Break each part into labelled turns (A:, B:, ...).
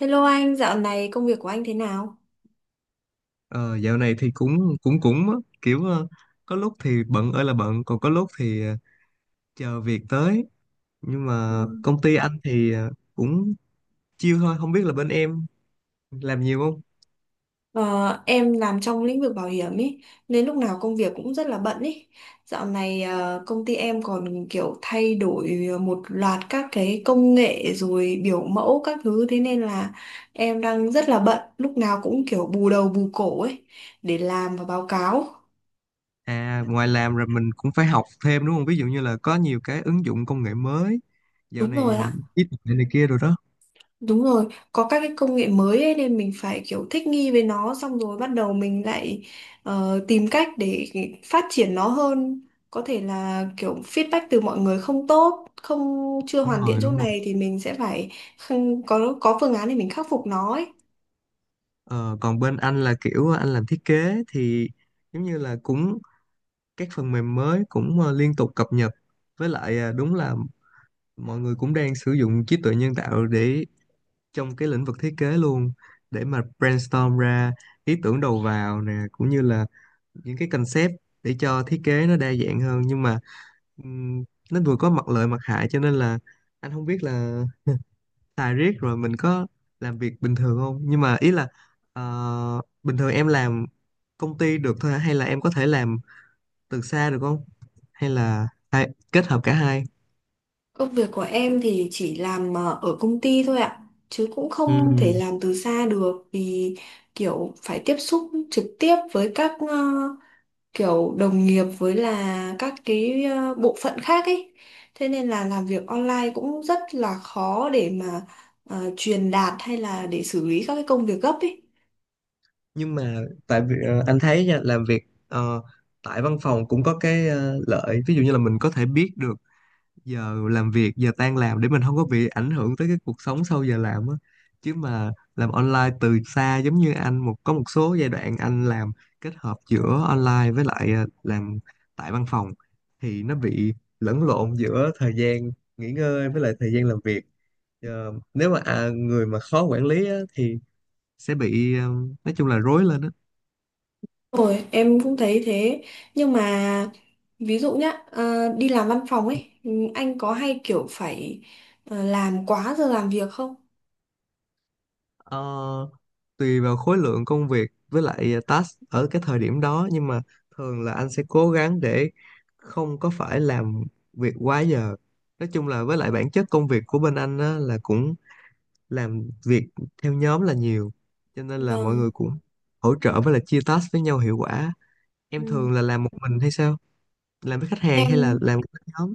A: Hello anh, dạo này công việc của anh thế nào?
B: Ờ, dạo này thì cũng cũng cũng á, kiểu có lúc thì bận ơi là bận, còn có lúc thì chờ việc tới. Nhưng mà
A: Ừ.
B: công ty anh thì cũng chill thôi, không biết là bên em làm nhiều không.
A: Ờ, em làm trong lĩnh vực bảo hiểm ý, nên lúc nào công việc cũng rất là bận ý. Dạo này công ty em còn kiểu thay đổi một loạt các cái công nghệ rồi biểu mẫu các thứ thế nên là em đang rất là bận, lúc nào cũng kiểu bù đầu bù cổ ấy để làm và báo cáo.
B: À, ngoài làm rồi mình cũng phải học thêm đúng không? Ví dụ như là có nhiều cái ứng dụng công nghệ mới dạo
A: Đúng
B: này,
A: rồi ạ.
B: trí tuệ này kia rồi đó.
A: Đúng rồi, có các cái công nghệ mới ấy, nên mình phải kiểu thích nghi với nó xong rồi bắt đầu mình lại tìm cách để phát triển nó hơn. Có thể là kiểu feedback từ mọi người không tốt, không chưa
B: Đúng
A: hoàn thiện
B: rồi,
A: chỗ
B: đúng rồi.
A: này thì mình sẽ phải không, có phương án để mình khắc phục nó ấy.
B: Ờ, còn bên anh là kiểu anh làm thiết kế thì giống như là cũng các phần mềm mới cũng liên tục cập nhật, với lại à, đúng là mọi người cũng đang sử dụng trí tuệ nhân tạo để trong cái lĩnh vực thiết kế luôn, để mà brainstorm ra ý tưởng đầu vào nè, cũng như là những cái concept để cho thiết kế nó đa dạng hơn. Nhưng mà ừm, nó vừa có mặt lợi mặt hại, cho nên là anh không biết là xài riết rồi mình có làm việc bình thường không. Nhưng mà ý là bình thường em làm công ty được thôi hả, hay là em có thể làm từ xa được không, hay là phải kết hợp cả hai?
A: Công việc của em thì chỉ làm ở công ty thôi ạ, chứ cũng không thể
B: Ừ.
A: làm từ xa được vì kiểu phải tiếp xúc trực tiếp với các kiểu đồng nghiệp với là các cái bộ phận khác ấy thế nên là làm việc online cũng rất là khó để mà truyền đạt hay là để xử lý các cái công việc gấp ấy
B: Nhưng mà tại vì anh thấy nha, làm việc ờ, tại văn phòng cũng có cái lợi, ví dụ như là mình có thể biết được giờ làm việc, giờ tan làm, để mình không có bị ảnh hưởng tới cái cuộc sống sau giờ làm á. Chứ mà làm online từ xa giống như anh, có một số giai đoạn anh làm kết hợp giữa online với lại làm tại văn phòng thì nó bị lẫn lộn giữa thời gian nghỉ ngơi với lại thời gian làm việc. Nếu mà người mà khó quản lý á, thì sẽ bị nói chung là rối lên á.
A: rồi em cũng thấy thế nhưng mà ví dụ nhá đi làm văn phòng ấy anh có hay kiểu phải làm quá giờ làm việc không?
B: Ờ, tùy vào khối lượng công việc với lại task ở cái thời điểm đó, nhưng mà thường là anh sẽ cố gắng để không có phải làm việc quá giờ. Nói chung là với lại bản chất công việc của bên anh á, là cũng làm việc theo nhóm là nhiều, cho nên là mọi
A: Vâng.
B: người cũng hỗ trợ với lại chia task với nhau hiệu quả.
A: Ừ.
B: Em thường là làm một mình hay sao? Làm với khách hàng hay là
A: em
B: làm với nhóm?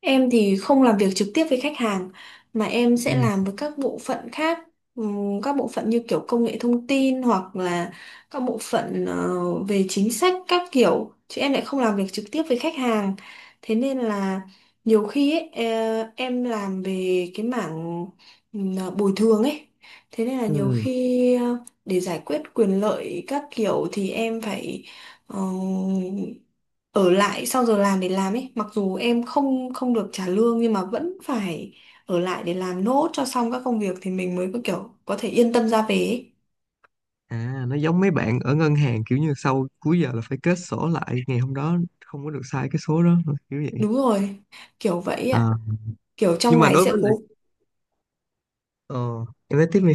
A: Em thì không làm việc trực tiếp với khách hàng mà em
B: Ừ.
A: sẽ làm với các bộ phận khác. Các bộ phận như kiểu công nghệ thông tin hoặc là các bộ phận về chính sách các kiểu chứ em lại không làm việc trực tiếp với khách hàng. Thế nên là nhiều khi ấy, em làm về cái mảng bồi thường ấy. Thế nên là nhiều
B: Ừ.
A: khi để giải quyết quyền lợi các kiểu thì em phải ờ, ở lại sau giờ làm để làm ấy mặc dù em không không được trả lương nhưng mà vẫn phải ở lại để làm nốt cho xong các công việc thì mình mới có kiểu có thể yên tâm ra về ấy.
B: À, nó giống mấy bạn ở ngân hàng, kiểu như sau cuối giờ là phải kết sổ lại ngày hôm đó, không có được sai cái số đó, kiểu vậy.
A: Đúng rồi, kiểu vậy ạ.
B: À.
A: kiểu trong
B: Nhưng mà,
A: ngày
B: đối
A: sẽ
B: với lại,
A: cố
B: ờ, em nói tiếp đi.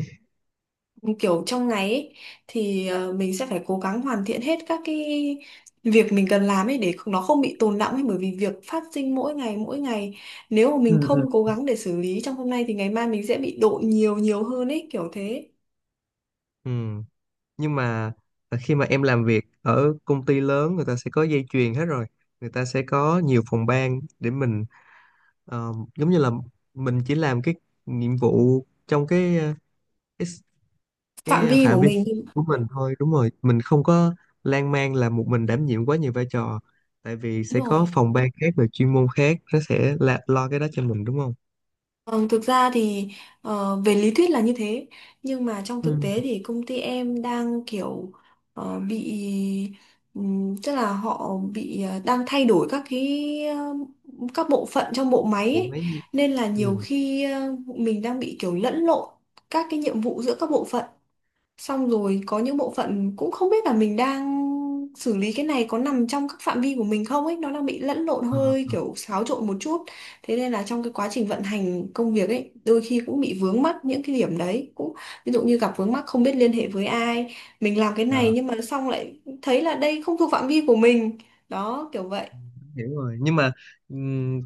A: Kiểu trong ngày ấy, thì mình sẽ phải cố gắng hoàn thiện hết các cái việc mình cần làm ấy để không- nó không bị tồn đọng ấy bởi vì việc phát sinh mỗi ngày nếu mà mình
B: Ừ, ừ.
A: không cố gắng để xử lý trong hôm nay thì ngày mai mình sẽ bị độ nhiều nhiều hơn ấy kiểu thế
B: Ừ. Nhưng mà khi mà em làm việc ở công ty lớn, người ta sẽ có dây chuyền hết rồi. Người ta sẽ có nhiều phòng ban để mình, giống như là mình chỉ làm cái nhiệm vụ trong cái cái
A: phạm vi
B: phạm
A: của
B: vi
A: mình.
B: của mình thôi, đúng rồi, mình không có lan man là một mình đảm nhiệm quá nhiều vai trò, tại vì
A: Đúng
B: sẽ có
A: rồi.
B: phòng ban khác rồi chuyên môn khác nó sẽ là lo cái đó cho mình đúng không?
A: Ờ, thực ra thì về lý thuyết là như thế nhưng mà trong thực tế
B: Ừ.
A: thì công ty em đang kiểu bị tức là họ bị đang thay đổi các cái các bộ phận trong bộ máy
B: Bộ
A: ấy.
B: máy.
A: Nên là nhiều
B: Ừ.
A: khi mình đang bị kiểu lẫn lộn các cái nhiệm vụ giữa các bộ phận. Xong rồi có những bộ phận cũng không biết là mình đang xử lý cái này có nằm trong các phạm vi của mình không ấy, nó đang bị lẫn lộn
B: Ờ,
A: hơi
B: ờ.
A: kiểu xáo trộn một chút. Thế nên là trong cái quá trình vận hành công việc ấy, đôi khi cũng bị vướng mắc những cái điểm đấy. Cũng ví dụ như gặp vướng mắc không biết liên hệ với ai, mình làm cái
B: Ờ.
A: này nhưng mà xong lại thấy là đây không thuộc phạm vi của mình. Đó, kiểu vậy.
B: Hiểu rồi. Nhưng mà ừm,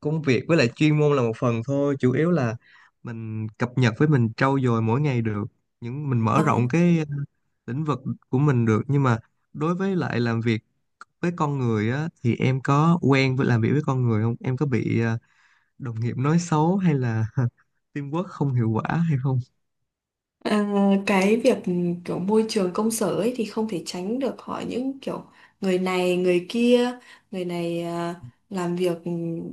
B: công việc với lại chuyên môn là một phần thôi, chủ yếu là mình cập nhật với mình trau dồi mỗi ngày được, những mình mở
A: Vâng.
B: rộng cái lĩnh vực của mình được. Nhưng mà đối với lại làm việc với con người á, thì em có quen với làm việc với con người không, em có bị đồng nghiệp nói xấu hay là teamwork không hiệu quả hay không?
A: À, cái việc kiểu môi trường công sở ấy thì không thể tránh được họ những kiểu người này người kia người này làm việc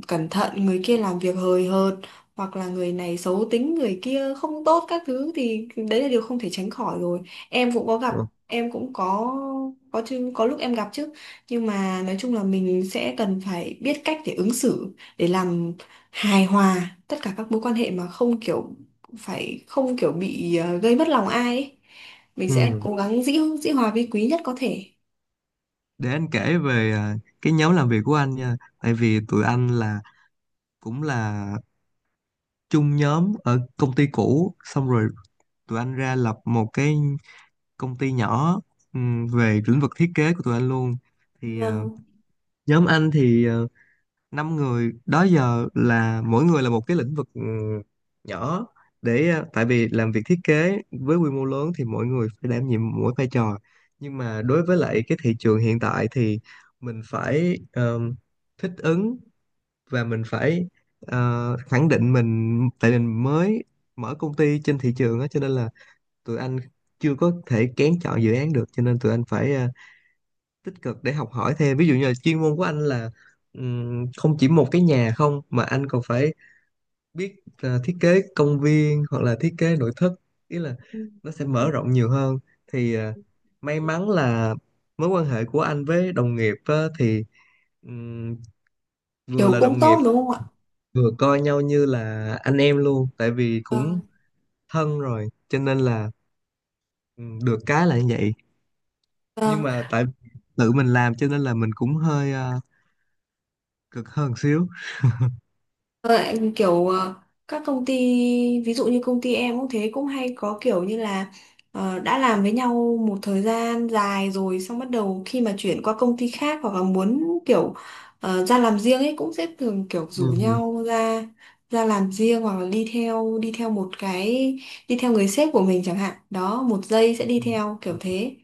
A: cẩn thận người kia làm việc hời hợt hoặc là người này xấu tính người kia không tốt các thứ thì đấy là điều không thể tránh khỏi rồi em cũng có gặp.
B: Ừ.
A: Em cũng có. Có chứ, có lúc em gặp chứ nhưng mà nói chung là mình sẽ cần phải biết cách để ứng xử để làm hài hòa tất cả các mối quan hệ mà không kiểu phải không kiểu bị gây mất lòng ai ấy. Mình sẽ
B: Ừ.
A: cố gắng dĩ dĩ hòa vi quý nhất có thể.
B: Để anh kể về cái nhóm làm việc của anh nha. Tại vì tụi anh là cũng là chung nhóm ở công ty cũ, xong rồi tụi anh ra lập một cái công ty nhỏ, về lĩnh vực thiết kế của tụi anh luôn. Thì
A: Vâng.
B: nhóm anh thì 5 người đó giờ, là mỗi người là một cái lĩnh vực nhỏ, để tại vì làm việc thiết kế với quy mô lớn thì mỗi người phải đảm nhiệm mỗi vai trò. Nhưng mà đối với lại cái thị trường hiện tại thì mình phải thích ứng và mình phải khẳng định mình, tại mình mới mở công ty trên thị trường á, cho nên là tụi anh chưa có thể kén chọn dự án được, cho nên tụi anh phải tích cực để học hỏi thêm. Ví dụ như là chuyên môn của anh là không chỉ một cái nhà không, mà anh còn phải biết thiết kế công viên hoặc là thiết kế nội thất, ý là
A: Ừ.
B: nó sẽ mở rộng nhiều hơn. Thì may mắn là mối quan hệ của anh với đồng nghiệp á, thì ừm, vừa
A: Kiểu
B: là
A: cũng
B: đồng nghiệp
A: tốt đúng không ạ?
B: vừa coi nhau như là anh em luôn, tại vì cũng
A: Vâng.
B: thân rồi cho nên là được cái là như vậy. Nhưng
A: Vâng.
B: mà tại tự mình làm cho nên là mình cũng hơi cực hơn xíu.
A: Ờ, anh kiểu các công ty ví dụ như công ty em cũng thế cũng hay có kiểu như là đã làm với nhau một thời gian dài rồi xong bắt đầu khi mà chuyển qua công ty khác hoặc là muốn kiểu ra làm riêng ấy cũng sẽ thường kiểu rủ
B: Ừ.
A: nhau ra ra làm riêng hoặc là đi theo một cái đi theo người sếp của mình chẳng hạn đó một giây sẽ đi theo kiểu thế.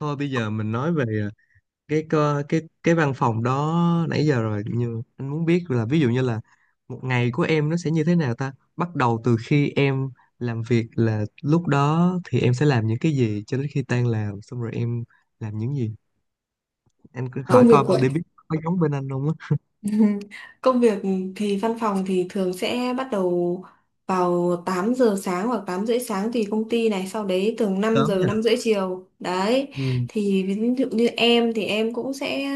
B: Thôi bây giờ mình nói về ờ, cái cơ- cái văn phòng đó nãy giờ rồi, nhưng anh muốn biết là ví dụ như là một ngày của em nó sẽ như thế nào ta. Bắt đầu từ khi em làm việc, là lúc đó thì em sẽ làm những cái gì, cho đến khi tan làm xong rồi em làm những gì? Anh cứ hỏi
A: Công việc
B: coi
A: của
B: để biết có giống bên anh không á.
A: Công việc thì văn phòng thì thường sẽ bắt đầu vào 8 giờ sáng hoặc 8h30 sáng tùy công ty này, sau đấy thường 5
B: Sớm
A: giờ
B: nha.
A: 5h30 chiều. Đấy.
B: Ừ.
A: Thì ví dụ như em thì em cũng sẽ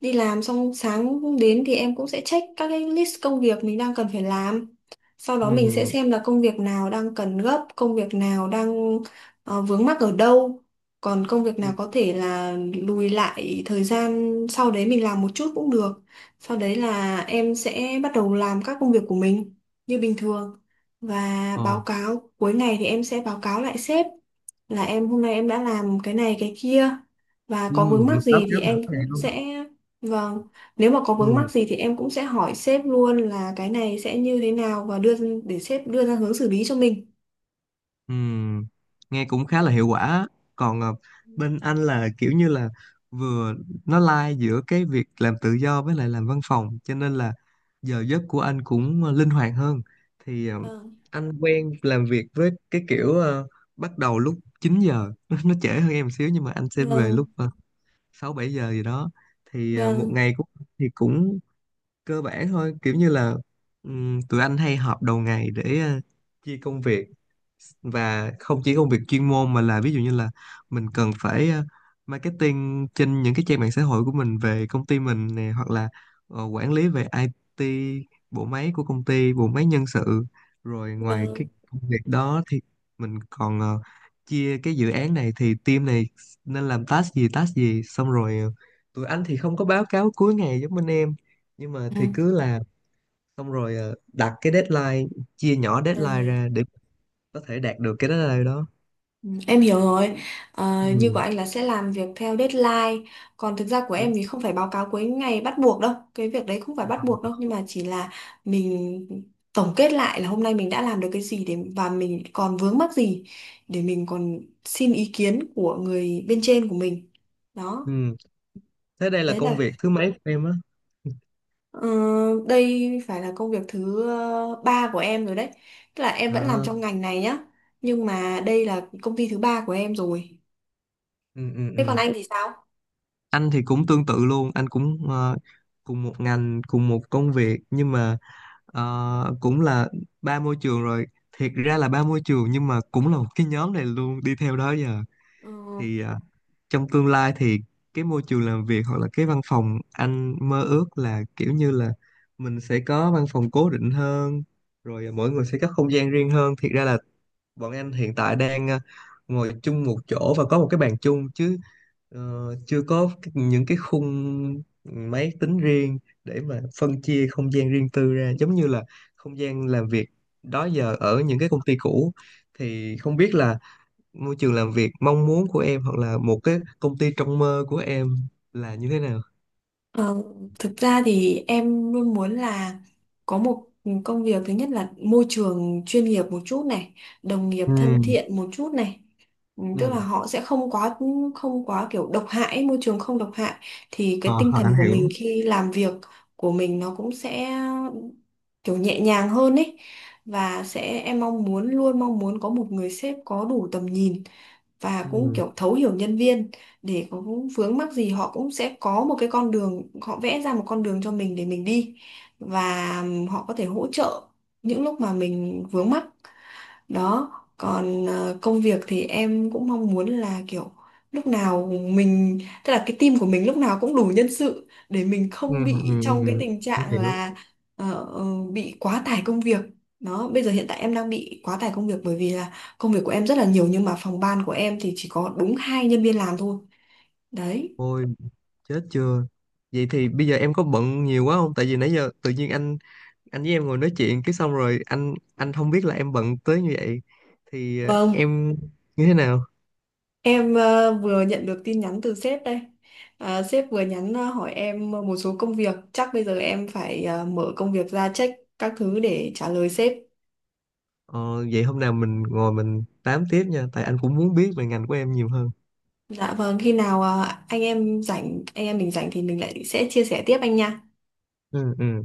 A: đi làm xong sáng đến thì em cũng sẽ check các cái list công việc mình đang cần phải làm. Sau đó mình sẽ
B: Ừ.
A: xem là công việc nào đang cần gấp, công việc nào đang vướng mắc ở đâu. Còn công việc
B: Ừ.
A: nào có thể là lùi lại thời gian sau đấy mình làm một chút cũng được sau đấy là em sẽ bắt đầu làm các công việc của mình như bình thường và báo
B: Ờ.
A: cáo cuối ngày thì em sẽ báo cáo lại sếp là em hôm nay em đã làm cái này cái kia và
B: Ừ.
A: có vướng mắc
B: Mình báo
A: gì thì
B: cáo mỗi
A: em
B: ngày
A: cũng
B: luôn á.
A: sẽ. Vâng. Nếu mà có vướng
B: Ừ.
A: mắc gì thì em cũng sẽ hỏi sếp luôn là cái này sẽ như thế nào và đưa để sếp đưa ra hướng xử lý cho mình.
B: Ừm, nghe cũng khá là hiệu quả á. Còn bên anh là kiểu như là vừa nó lai giữa cái việc làm tự do với lại làm văn phòng, cho nên là giờ giấc của anh cũng linh hoạt hơn. Thì
A: Vâng,
B: anh quen làm việc với cái kiểu bắt đầu lúc 9 giờ, nó trễ hơn em một xíu, nhưng mà anh sẽ về
A: vâng,
B: lúc 6 7 giờ gì đó. Thì một
A: vâng,
B: ngày cũng thì cũng cơ bản thôi, kiểu như là tụi anh hay họp đầu ngày để chia công việc. Và không chỉ công việc chuyên môn mà là ví dụ như là mình cần phải marketing trên những cái trang mạng xã hội của mình về công ty mình nè, hoặc là quản lý về IT, bộ máy của công ty, bộ máy nhân sự. Rồi ngoài cái
A: vâng.
B: công việc đó thì mình còn chia cái dự án này thì team này nên làm task gì task gì, xong rồi tụi anh thì không có báo cáo cuối ngày giống bên em, nhưng mà thì cứ làm xong rồi đặt cái deadline, chia nhỏ deadline
A: Ừ.
B: ra để có thể đạt được cái deadline đó.
A: Ừ, em hiểu rồi. Như của
B: Ừ,
A: anh là sẽ làm việc theo deadline. Còn thực ra của em
B: đúng
A: thì không phải báo cáo cuối ngày bắt buộc đâu. Cái việc đấy không phải bắt buộc đâu.
B: rồi.
A: Nhưng mà chỉ là mình tổng kết lại là hôm nay mình đã làm được cái gì để và mình còn vướng mắc gì để mình còn xin ý kiến của người bên trên của mình. Đó.
B: Ừ. Thế đây là
A: Đấy
B: công
A: là
B: việc thứ mấy của em á?
A: ờ, đây phải là công việc thứ ba của em rồi đấy. Tức là em vẫn làm
B: À.
A: trong ngành này nhá. Nhưng mà đây là công ty thứ ba của em rồi.
B: Ừ, ừ,
A: Thế còn
B: ừ.
A: anh thì sao?
B: Anh thì cũng tương tự luôn, anh cũng cùng một ngành, cùng một công việc, nhưng mà cũng là ba môi trường rồi. Thiệt ra là ba môi trường nhưng mà cũng là một cái nhóm này luôn đi theo đó giờ.
A: Ừ.
B: Thì trong tương lai thì cái môi trường làm việc hoặc là cái văn phòng anh mơ ước là kiểu như là mình sẽ có văn phòng cố định hơn, rồi mỗi người sẽ có không gian riêng hơn. Thiệt ra là bọn anh hiện tại đang ngồi chung một chỗ và có một cái bàn chung, chứ ờ, chưa có những cái khung máy tính riêng để mà phân chia không gian riêng tư ra, giống như là không gian làm việc đó giờ ở những cái công ty cũ. Thì không biết là môi trường làm việc mong muốn của em hoặc là một cái công ty trong mơ của em là như thế nào?
A: Ờ, thực ra thì em luôn muốn là có một công việc thứ nhất là môi trường chuyên nghiệp một chút này, đồng nghiệp
B: Ừ.
A: thân thiện một chút này. Ừ, tức là
B: Ừ.
A: họ sẽ không quá kiểu độc hại, môi trường không độc hại thì
B: ờ,
A: cái tinh
B: anh
A: thần của mình
B: hiểu.
A: khi làm việc của mình nó cũng sẽ kiểu nhẹ nhàng hơn ấy. Và sẽ em mong muốn luôn mong muốn có một người sếp có đủ tầm nhìn và cũng
B: Ừ.
A: kiểu thấu hiểu nhân viên để có vướng mắc gì họ cũng sẽ có một cái con đường họ vẽ ra một con đường cho mình để mình đi và họ có thể hỗ trợ những lúc mà mình vướng mắc. Đó. Còn công việc thì em cũng mong muốn là kiểu lúc nào mình tức là cái team của mình lúc nào cũng đủ nhân sự để mình
B: Ừ,
A: không bị
B: ừ,
A: trong cái
B: ừ,
A: tình
B: anh
A: trạng
B: hiểu.
A: là ờ, ờ, bị quá tải công việc. Đó bây giờ hiện tại em đang bị quá tải công việc bởi vì là công việc của em rất là nhiều nhưng mà phòng ban của em thì chỉ có đúng 2 nhân viên làm thôi. Đấy.
B: Ôi, chết chưa? Vậy thì bây giờ em có bận nhiều quá không, tại vì nãy giờ tự nhiên anh với em ngồi nói chuyện cái xong rồi anh không biết là em bận tới như vậy. Thì
A: Vâng,
B: em như thế nào?
A: em vừa nhận được tin nhắn từ sếp đây. À, sếp vừa nhắn hỏi em một số công việc. Chắc bây giờ em phải mở công việc ra check các thứ để trả lời sếp.
B: Ờ, vậy hôm nào mình ngồi mình tám tiếp nha, tại anh cũng muốn biết về ngành của em nhiều hơn.
A: Dạ vâng, khi nào anh em rảnh, anh em mình rảnh thì mình lại sẽ chia sẻ tiếp anh nha.
B: Ừ, ừ.